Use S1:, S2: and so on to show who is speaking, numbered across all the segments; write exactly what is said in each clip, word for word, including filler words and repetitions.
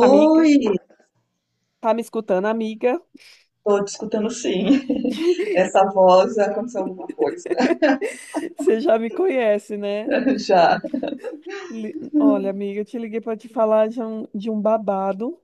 S1: Amiga,
S2: Oi,
S1: tá me escutando, amiga?
S2: estou te escutando sim. Essa voz aconteceu alguma coisa.
S1: Você já me conhece, né?
S2: Já.
S1: Li- Olha, amiga, eu te liguei para te falar de um, de um babado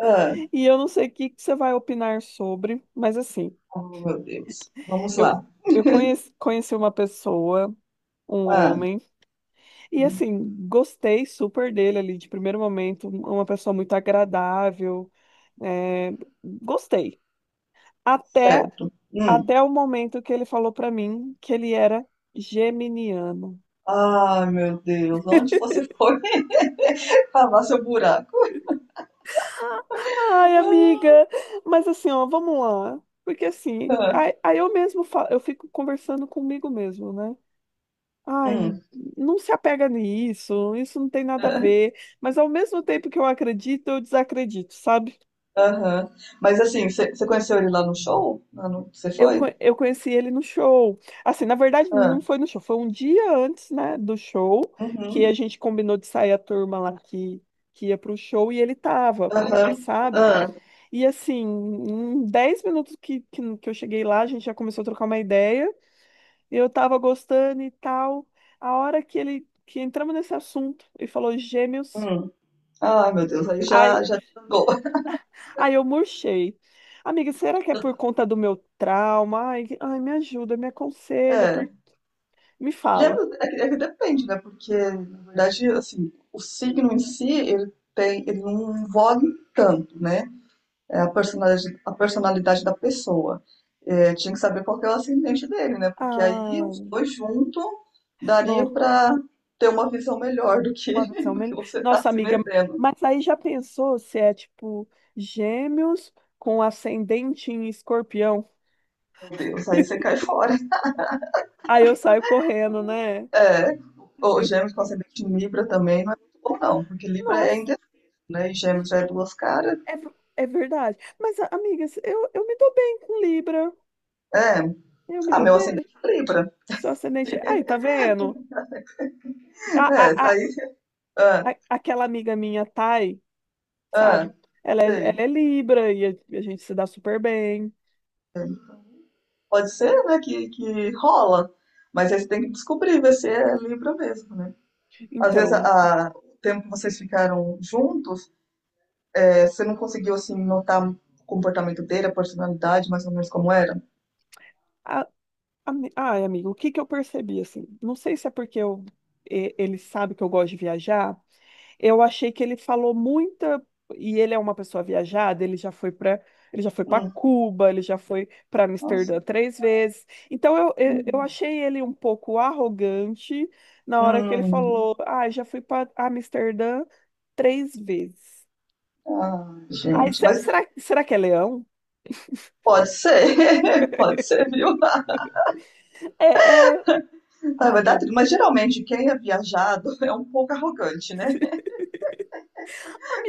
S2: Ah,
S1: e eu não sei o que que você vai opinar sobre, mas assim,
S2: oh, meu Deus. Vamos
S1: eu,
S2: lá.
S1: eu conheci, conheci uma pessoa, um
S2: Ah,
S1: homem, e
S2: hum,
S1: assim, gostei super dele ali de primeiro momento, uma pessoa muito agradável, é, gostei. Até,
S2: certo. Hum.
S1: até o momento que ele falou para mim que ele era geminiano.
S2: Ah, meu Deus. Onde você foi cavar seu buraco?
S1: Ai, amiga, mas assim, ó, vamos lá. Porque assim,
S2: Ah, ah,
S1: aí, aí eu mesmo falo, eu fico conversando comigo mesmo, né? Ai,
S2: hum.
S1: não se apega nisso, isso não tem nada a
S2: ah,
S1: ver. Mas ao mesmo tempo que eu acredito, eu desacredito, sabe?
S2: Aham. Mas assim, você você conheceu ele lá no show? Lá no- Você
S1: Eu, co-
S2: foi?
S1: eu conheci ele no show. Assim, na verdade, não
S2: Ah,
S1: foi no show, foi um dia antes, né, do show, que a
S2: uhum.
S1: gente combinou de sair a turma lá que, que ia pro show e ele tava,
S2: Aham.
S1: sabe?
S2: Ah,
S1: E assim, em dez minutos que, que, que eu cheguei lá, a gente já começou a trocar uma ideia. Eu tava gostando e tal. A hora que ele que entramos nesse assunto e falou gêmeos,
S2: hum. Ah, meu Deus. Aí
S1: ai,
S2: já, já desandou.
S1: ai eu murchei. Amiga, será que é por conta do meu trauma? Ai, que- ai, me ajuda, me aconselha, por... me fala.
S2: Gêmeos é que, é que depende, né? Porque, na verdade, assim, o signo em si, ele tem, ele não envolve tanto, né? É a personalidade, a personalidade da pessoa. É, tinha que saber qual que é o ascendente dele, né? Porque aí os
S1: Ah,
S2: dois juntos daria
S1: não,
S2: para ter uma visão melhor do que,
S1: pode ser o
S2: do que
S1: melhor.
S2: você tá
S1: Nossa,
S2: se
S1: amiga,
S2: metendo.
S1: mas aí já pensou se é tipo gêmeos com ascendente em escorpião?
S2: Meu Deus, aí você cai fora.
S1: Aí eu saio correndo, né?
S2: É, o
S1: Eu-
S2: gêmeos com ascendente em Libra também não é muito bom, não, porque Libra é
S1: Nossa,
S2: indeciso, né? E gêmeos já é duas caras.
S1: é, ver- é verdade. Mas, a- amiga, se- eu, eu me dou bem com Libra.
S2: É,
S1: Eu me
S2: ah,
S1: dou
S2: meu
S1: bem.
S2: ascendente é Libra.
S1: Seu ascendente. Aí, tá vendo? A,
S2: É,
S1: a, a,
S2: aí, ah,
S1: a- aquela amiga minha, Thay,
S2: ah,
S1: sabe? Ela é, ela
S2: sei.
S1: é Libra e a, e a gente se dá super bem.
S2: Sei. Pode ser, né, que, que rola, mas aí você tem que descobrir, ver se é Libra mesmo, né? Às vezes,
S1: Então,
S2: a, a- o tempo que vocês ficaram juntos, é, você não conseguiu, assim, notar o comportamento dele, a personalidade, mais ou menos como era?
S1: a, ami- ai, amigo, o que que eu percebi assim? Não sei se é porque eu, e- ele sabe que eu gosto de viajar. Eu achei que ele falou muita e ele é uma pessoa viajada, ele já foi para ele já foi para
S2: Hum,
S1: Cuba, ele já foi para
S2: nossa.
S1: Amsterdã três vezes. Então eu, eu, eu
S2: Hum,
S1: achei ele um pouco arrogante na hora que ele
S2: hum.
S1: falou: "Ah, já fui para Amsterdã três vezes".
S2: Ah,
S1: Ai,
S2: gente,
S1: se-
S2: mas
S1: será será que é leão?
S2: pode ser, pode ser, viu?
S1: É, é...
S2: Ah,
S1: Ai,
S2: vai dar
S1: meu Deus.
S2: tudo. Mas geralmente quem é viajado é um pouco arrogante, né?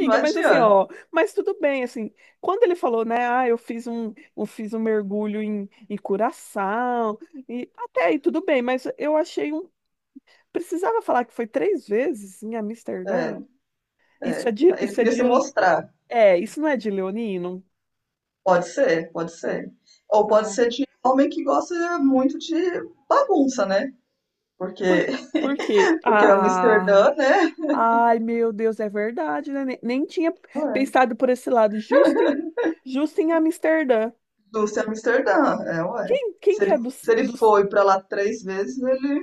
S2: Não
S1: mas assim, ó,
S2: adianta.
S1: mas tudo bem, assim, quando ele falou, né, ah, eu fiz um, eu fiz um mergulho em, em Curaçao, e até aí tudo bem, mas eu achei um, precisava falar que foi três vezes em
S2: É.
S1: Amsterdã? Isso é
S2: É,
S1: de,
S2: ele
S1: isso é
S2: queria se
S1: de,
S2: mostrar.
S1: é, isso não é de Leonino?
S2: Pode ser, pode ser. Ou pode
S1: Ah,
S2: ser de homem que gosta muito de bagunça, né? Porque,
S1: por, por quê?
S2: porque é
S1: Ah,
S2: Amsterdã, né?
S1: ai, meu Deus, é verdade, né, nem, nem tinha
S2: Ué,
S1: pensado por esse lado, justo em, justo em Amsterdã.
S2: indústria Amsterdã, é, ué.
S1: Quem, quem
S2: Se
S1: que
S2: ele,
S1: é dos,
S2: se ele
S1: dos,
S2: foi pra lá três vezes, ele,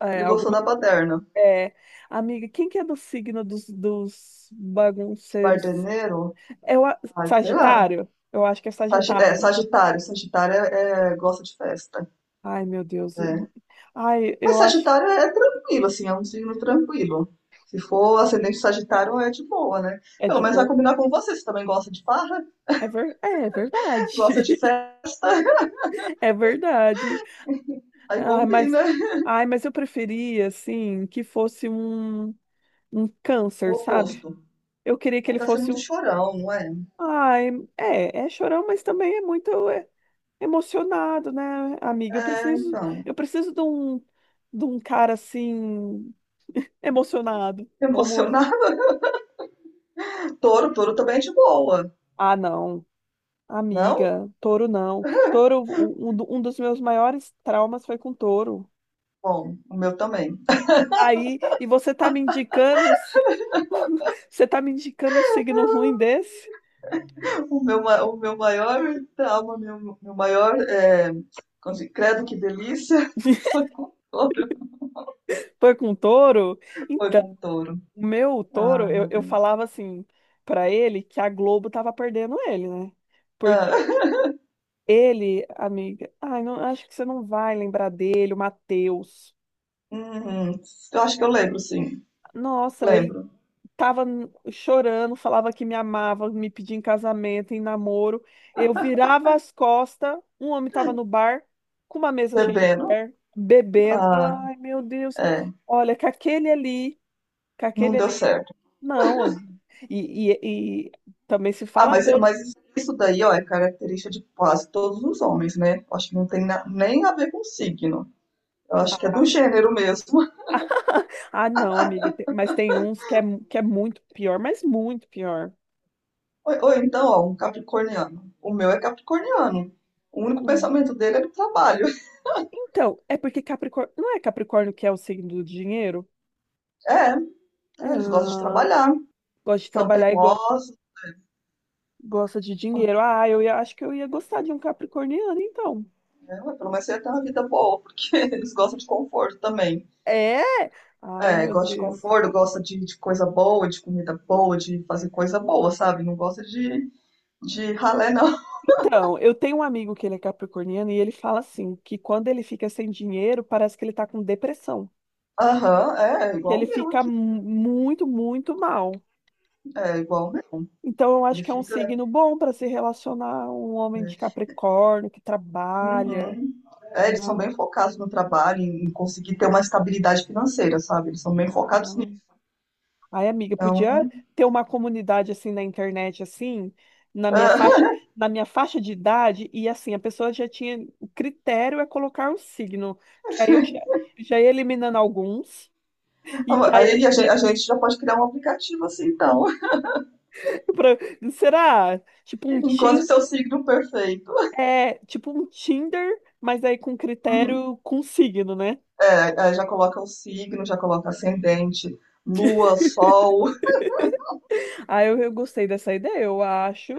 S1: é,
S2: ele gostou da baderna.
S1: É, amiga, quem que é do signo dos, dos bagunceiros?
S2: Bardeneiro,
S1: É o a-
S2: ai, sei lá.
S1: Sagitário? Eu acho que é
S2: Sagi- é,
S1: Sagitário.
S2: Sagitário, Sagitário é, é- gosta de festa.
S1: Ai, meu Deus.
S2: É.
S1: Ai,
S2: Mas
S1: eu acho que
S2: Sagitário é tranquilo, assim, é um signo tranquilo. Se for ascendente Sagitário, é de boa, né?
S1: é
S2: Pelo
S1: de
S2: menos vai
S1: boa.
S2: combinar com você. Você também gosta de farra,
S1: É, ver... é é verdade.
S2: gosta de fé,
S1: É verdade.
S2: aí
S1: Ai, mas...
S2: combina.
S1: Ai, mas eu preferia, assim, que fosse um, um
S2: O
S1: câncer, sabe?
S2: oposto.
S1: Eu queria que
S2: Aí
S1: ele
S2: tá sendo
S1: fosse
S2: muito
S1: um.
S2: chorão, não é?
S1: Ai, é, é chorão, mas também é muito. É, emocionado, né, amiga? Eu
S2: É,
S1: preciso,
S2: então.
S1: eu preciso de um, de um cara assim, emocionado, como esse.
S2: Emocionado. Touro, touro também é de boa.
S1: Ah, não,
S2: Não?
S1: amiga, touro não. Touro, um, do- um dos meus maiores traumas foi com touro.
S2: Bom, o meu também.
S1: Aí, e você tá me indicando um, si- você tá me indicando um signo ruim desse?
S2: O meu, ma- o meu maior trauma, meu, meu maior. É, como se- credo que delícia. Foi com touro.
S1: Foi com touro?
S2: Foi
S1: Então,
S2: com touro.
S1: o meu touro,
S2: Ai,
S1: eu,
S2: meu
S1: eu
S2: Deus.
S1: falava assim pra ele que a Globo tava perdendo ele, né? Porque
S2: Ah.
S1: ele, amiga, ai, não, acho que você não vai lembrar dele, o Matheus.
S2: Uhum. Eu acho que eu lembro, sim.
S1: Nossa, ele
S2: Lembro.
S1: tava n- chorando, falava que me amava, me pedia em casamento, em namoro. Eu virava as costas, um homem tava no bar, com uma mesa cheia de
S2: Bebendo.
S1: mulher, bebendo.
S2: Ah,
S1: Ai, meu Deus.
S2: é.
S1: Olha, com aquele ali, com
S2: Não
S1: aquele
S2: deu
S1: ali.
S2: certo.
S1: Não, e, e, e também se
S2: Ah,
S1: fala
S2: mas,
S1: todo.
S2: mas isso daí, ó, é característica de quase todos os homens, né? Eu acho que não tem na- nem a ver com signo. Eu acho que é do gênero mesmo.
S1: Ah, não, amiga, te- mas tem uns que é, mu- que é muito pior, mas muito pior.
S2: Ou, ou então, ó, um capricorniano. O meu é capricorniano. O único pensamento dele é do trabalho.
S1: Então, é porque Capricórnio. Não é Capricórnio que é o signo do dinheiro?
S2: É,
S1: É,
S2: é, eles gostam de
S1: ah,
S2: trabalhar,
S1: gosta de
S2: são
S1: trabalhar e go-
S2: teimosos,
S1: gosta de
S2: são,
S1: dinheiro. Ah, eu ia- acho que eu ia gostar de um capricorniano, então.
S2: né, pelo menos você tem uma vida boa, porque eles gostam de conforto também.
S1: É? Ai,
S2: É,
S1: meu
S2: gosta de
S1: Deus.
S2: conforto, gosta de, de coisa boa, de comida boa, de fazer coisa boa, sabe? Não gosta de, de ralé, não.
S1: Então, eu tenho um amigo que ele é capricorniano e ele fala assim, que quando ele fica sem dinheiro, parece que ele tá com depressão,
S2: Aham, é, é
S1: que
S2: igual
S1: ele
S2: o meu
S1: fica
S2: aqui.
S1: mu- muito, muito mal.
S2: É igual o meu.
S1: Então, eu acho
S2: Ele
S1: que é um
S2: fica.
S1: signo bom para se relacionar um homem de Capricórnio que trabalha,
S2: Uhum. É, eles são
S1: né?
S2: bem focados no trabalho, em, em conseguir ter uma estabilidade financeira, sabe? Eles são bem focados nisso.
S1: Ah. Ai, amiga,
S2: Então,
S1: podia ter uma comunidade assim na internet, assim, na minha faixa,
S2: ah,
S1: na minha faixa de idade, e assim, a pessoa já tinha, o critério é colocar um signo, que aí eu já, já ia eliminando alguns, e já ia,
S2: aí a gente, a gente já pode criar um aplicativo assim, então.
S1: pra- será? Tipo um
S2: Encontre
S1: Tim,
S2: seu signo perfeito.
S1: é, tipo um Tinder, mas aí com
S2: Uhum.
S1: critério, com signo, né?
S2: É, é, já coloca o signo, já coloca ascendente, lua, sol.
S1: Ah, eu, eu gostei dessa ideia, eu acho.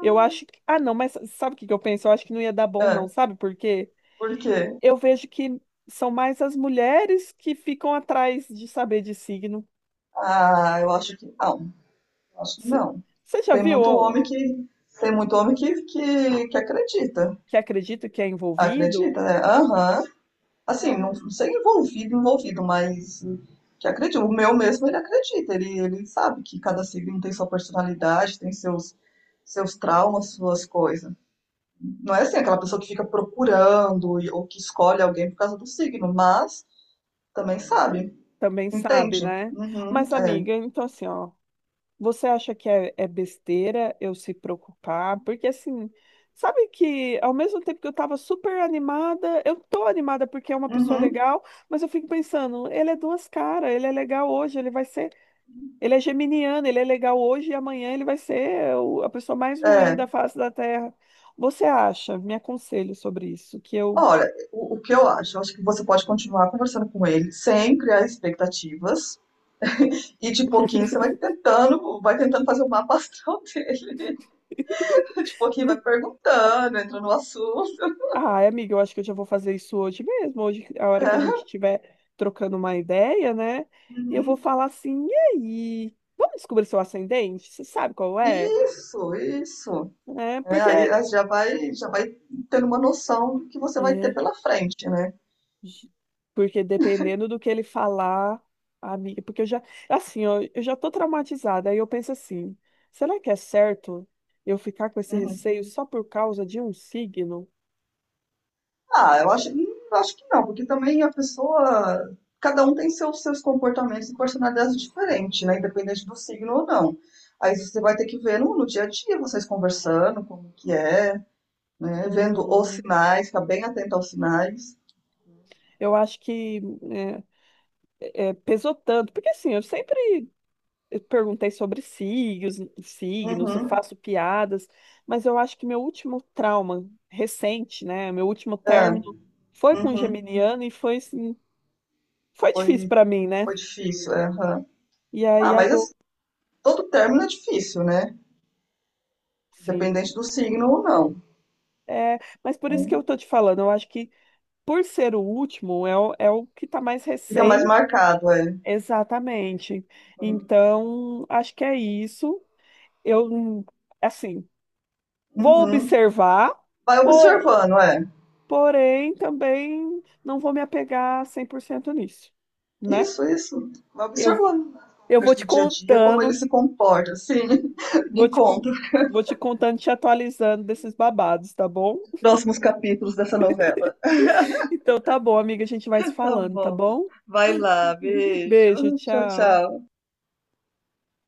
S1: Eu acho que. Ah, não, mas sabe o que que eu penso? Eu acho que não ia dar bom, não,
S2: É.
S1: sabe por quê?
S2: Por quê?
S1: Eu vejo que são mais as mulheres que ficam atrás de saber de signo.
S2: Ah, eu acho que não. Eu acho que
S1: C-
S2: não.
S1: Você já
S2: Tem
S1: viu
S2: muito homem
S1: ó,
S2: que tem muito homem que, que, que acredita.
S1: que acredita que é
S2: Acredita,
S1: envolvido?
S2: né? Aham. Assim, não,
S1: Ai,
S2: não sei envolvido, envolvido, mas que acredita. O meu mesmo, ele acredita. Ele, ele sabe que cada signo tem sua personalidade, tem seus, seus traumas, suas coisas. Não é assim aquela pessoa que fica procurando e- ou que escolhe alguém por causa do signo, mas também sabe.
S1: também sabe,
S2: Entende?
S1: né?
S2: Uhum,
S1: Mas,
S2: é.
S1: amiga, então assim, ó, você acha que é, é besteira eu se preocupar? Porque assim, sabe que ao mesmo tempo que eu tava super animada, eu tô animada porque é uma pessoa
S2: Uhum,
S1: legal, mas eu fico pensando, ele é duas caras, ele é legal hoje, ele vai ser Ele é geminiano, ele é legal hoje e amanhã ele vai ser o- a pessoa mais ruim
S2: é.
S1: da face da Terra. Você acha? Me aconselho sobre isso, que eu,
S2: Olha, o, o que eu acho, eu acho que você pode continuar conversando com ele sem criar expectativas e de pouquinho você vai tentando, vai tentando fazer o mapa astral dele. De pouquinho vai
S1: né?
S2: perguntando, entra no assunto.
S1: Ah, amiga, eu acho que eu já vou fazer isso hoje mesmo. Hoje, a hora que a gente
S2: É.
S1: estiver trocando uma ideia, né? Eu vou
S2: Uhum.
S1: falar assim, e aí? Vamos descobrir seu ascendente? Você sabe qual é?
S2: Isso, isso.
S1: É,
S2: É,
S1: porque
S2: aí aí já vai, já vai tendo uma noção do que você vai ter
S1: é,
S2: pela frente, né?
S1: Ge- porque dependendo do que ele falar, amiga, porque eu já, assim, ó, eu já tô traumatizada, aí eu penso assim, será que é certo eu ficar com esse
S2: Uhum.
S1: receio só por causa de um signo?
S2: Ah, eu acho, hum, acho que não, porque também a pessoa. Cada um tem seus, seus comportamentos e personalidades diferentes, né? Independente do signo ou não. Aí você vai ter que ver no, no dia a dia, vocês conversando, como que é, né? Vendo os
S1: Uhum.
S2: sinais, ficar bem atento aos sinais.
S1: Eu acho que é, é, pesou tanto, porque assim, eu sempre perguntei sobre signos, signos, eu
S2: Uhum,
S1: faço piadas, mas eu acho que meu último trauma recente, né, meu último
S2: é,
S1: término foi com um
S2: uhum.
S1: geminiano e foi assim, foi difícil
S2: Foi,
S1: pra mim, né?
S2: foi difícil, é, aham.
S1: E
S2: Ah,
S1: aí
S2: mas
S1: agora,
S2: assim, todo término é difícil, né?
S1: sim.
S2: Independente do signo ou não.
S1: É, mas por isso que
S2: Então,
S1: eu tô te falando, eu acho que por ser o último, é o, é o que tá mais
S2: fica mais
S1: recente.
S2: marcado, é.
S1: Exatamente. Então, acho que é isso. Eu, hum, assim, vou
S2: Uhum.
S1: observar,
S2: Vai
S1: por-
S2: observando, é.
S1: porém também não vou me apegar cem por cento nisso, né?
S2: Isso, isso. Vai
S1: Eu,
S2: observando as
S1: eu vou
S2: conversas
S1: te
S2: do dia a dia, como
S1: contando,
S2: ele se comporta, assim.
S1: vou
S2: Me
S1: te,
S2: conta
S1: con-
S2: os
S1: vou te contando, te atualizando desses babados, tá bom?
S2: próximos capítulos dessa novela.
S1: Então tá bom, amiga, a gente vai se
S2: Tá
S1: falando, tá
S2: bom.
S1: bom?
S2: Vai lá,
S1: Beijo,
S2: beijo. Tchau,
S1: tchau.
S2: tchau.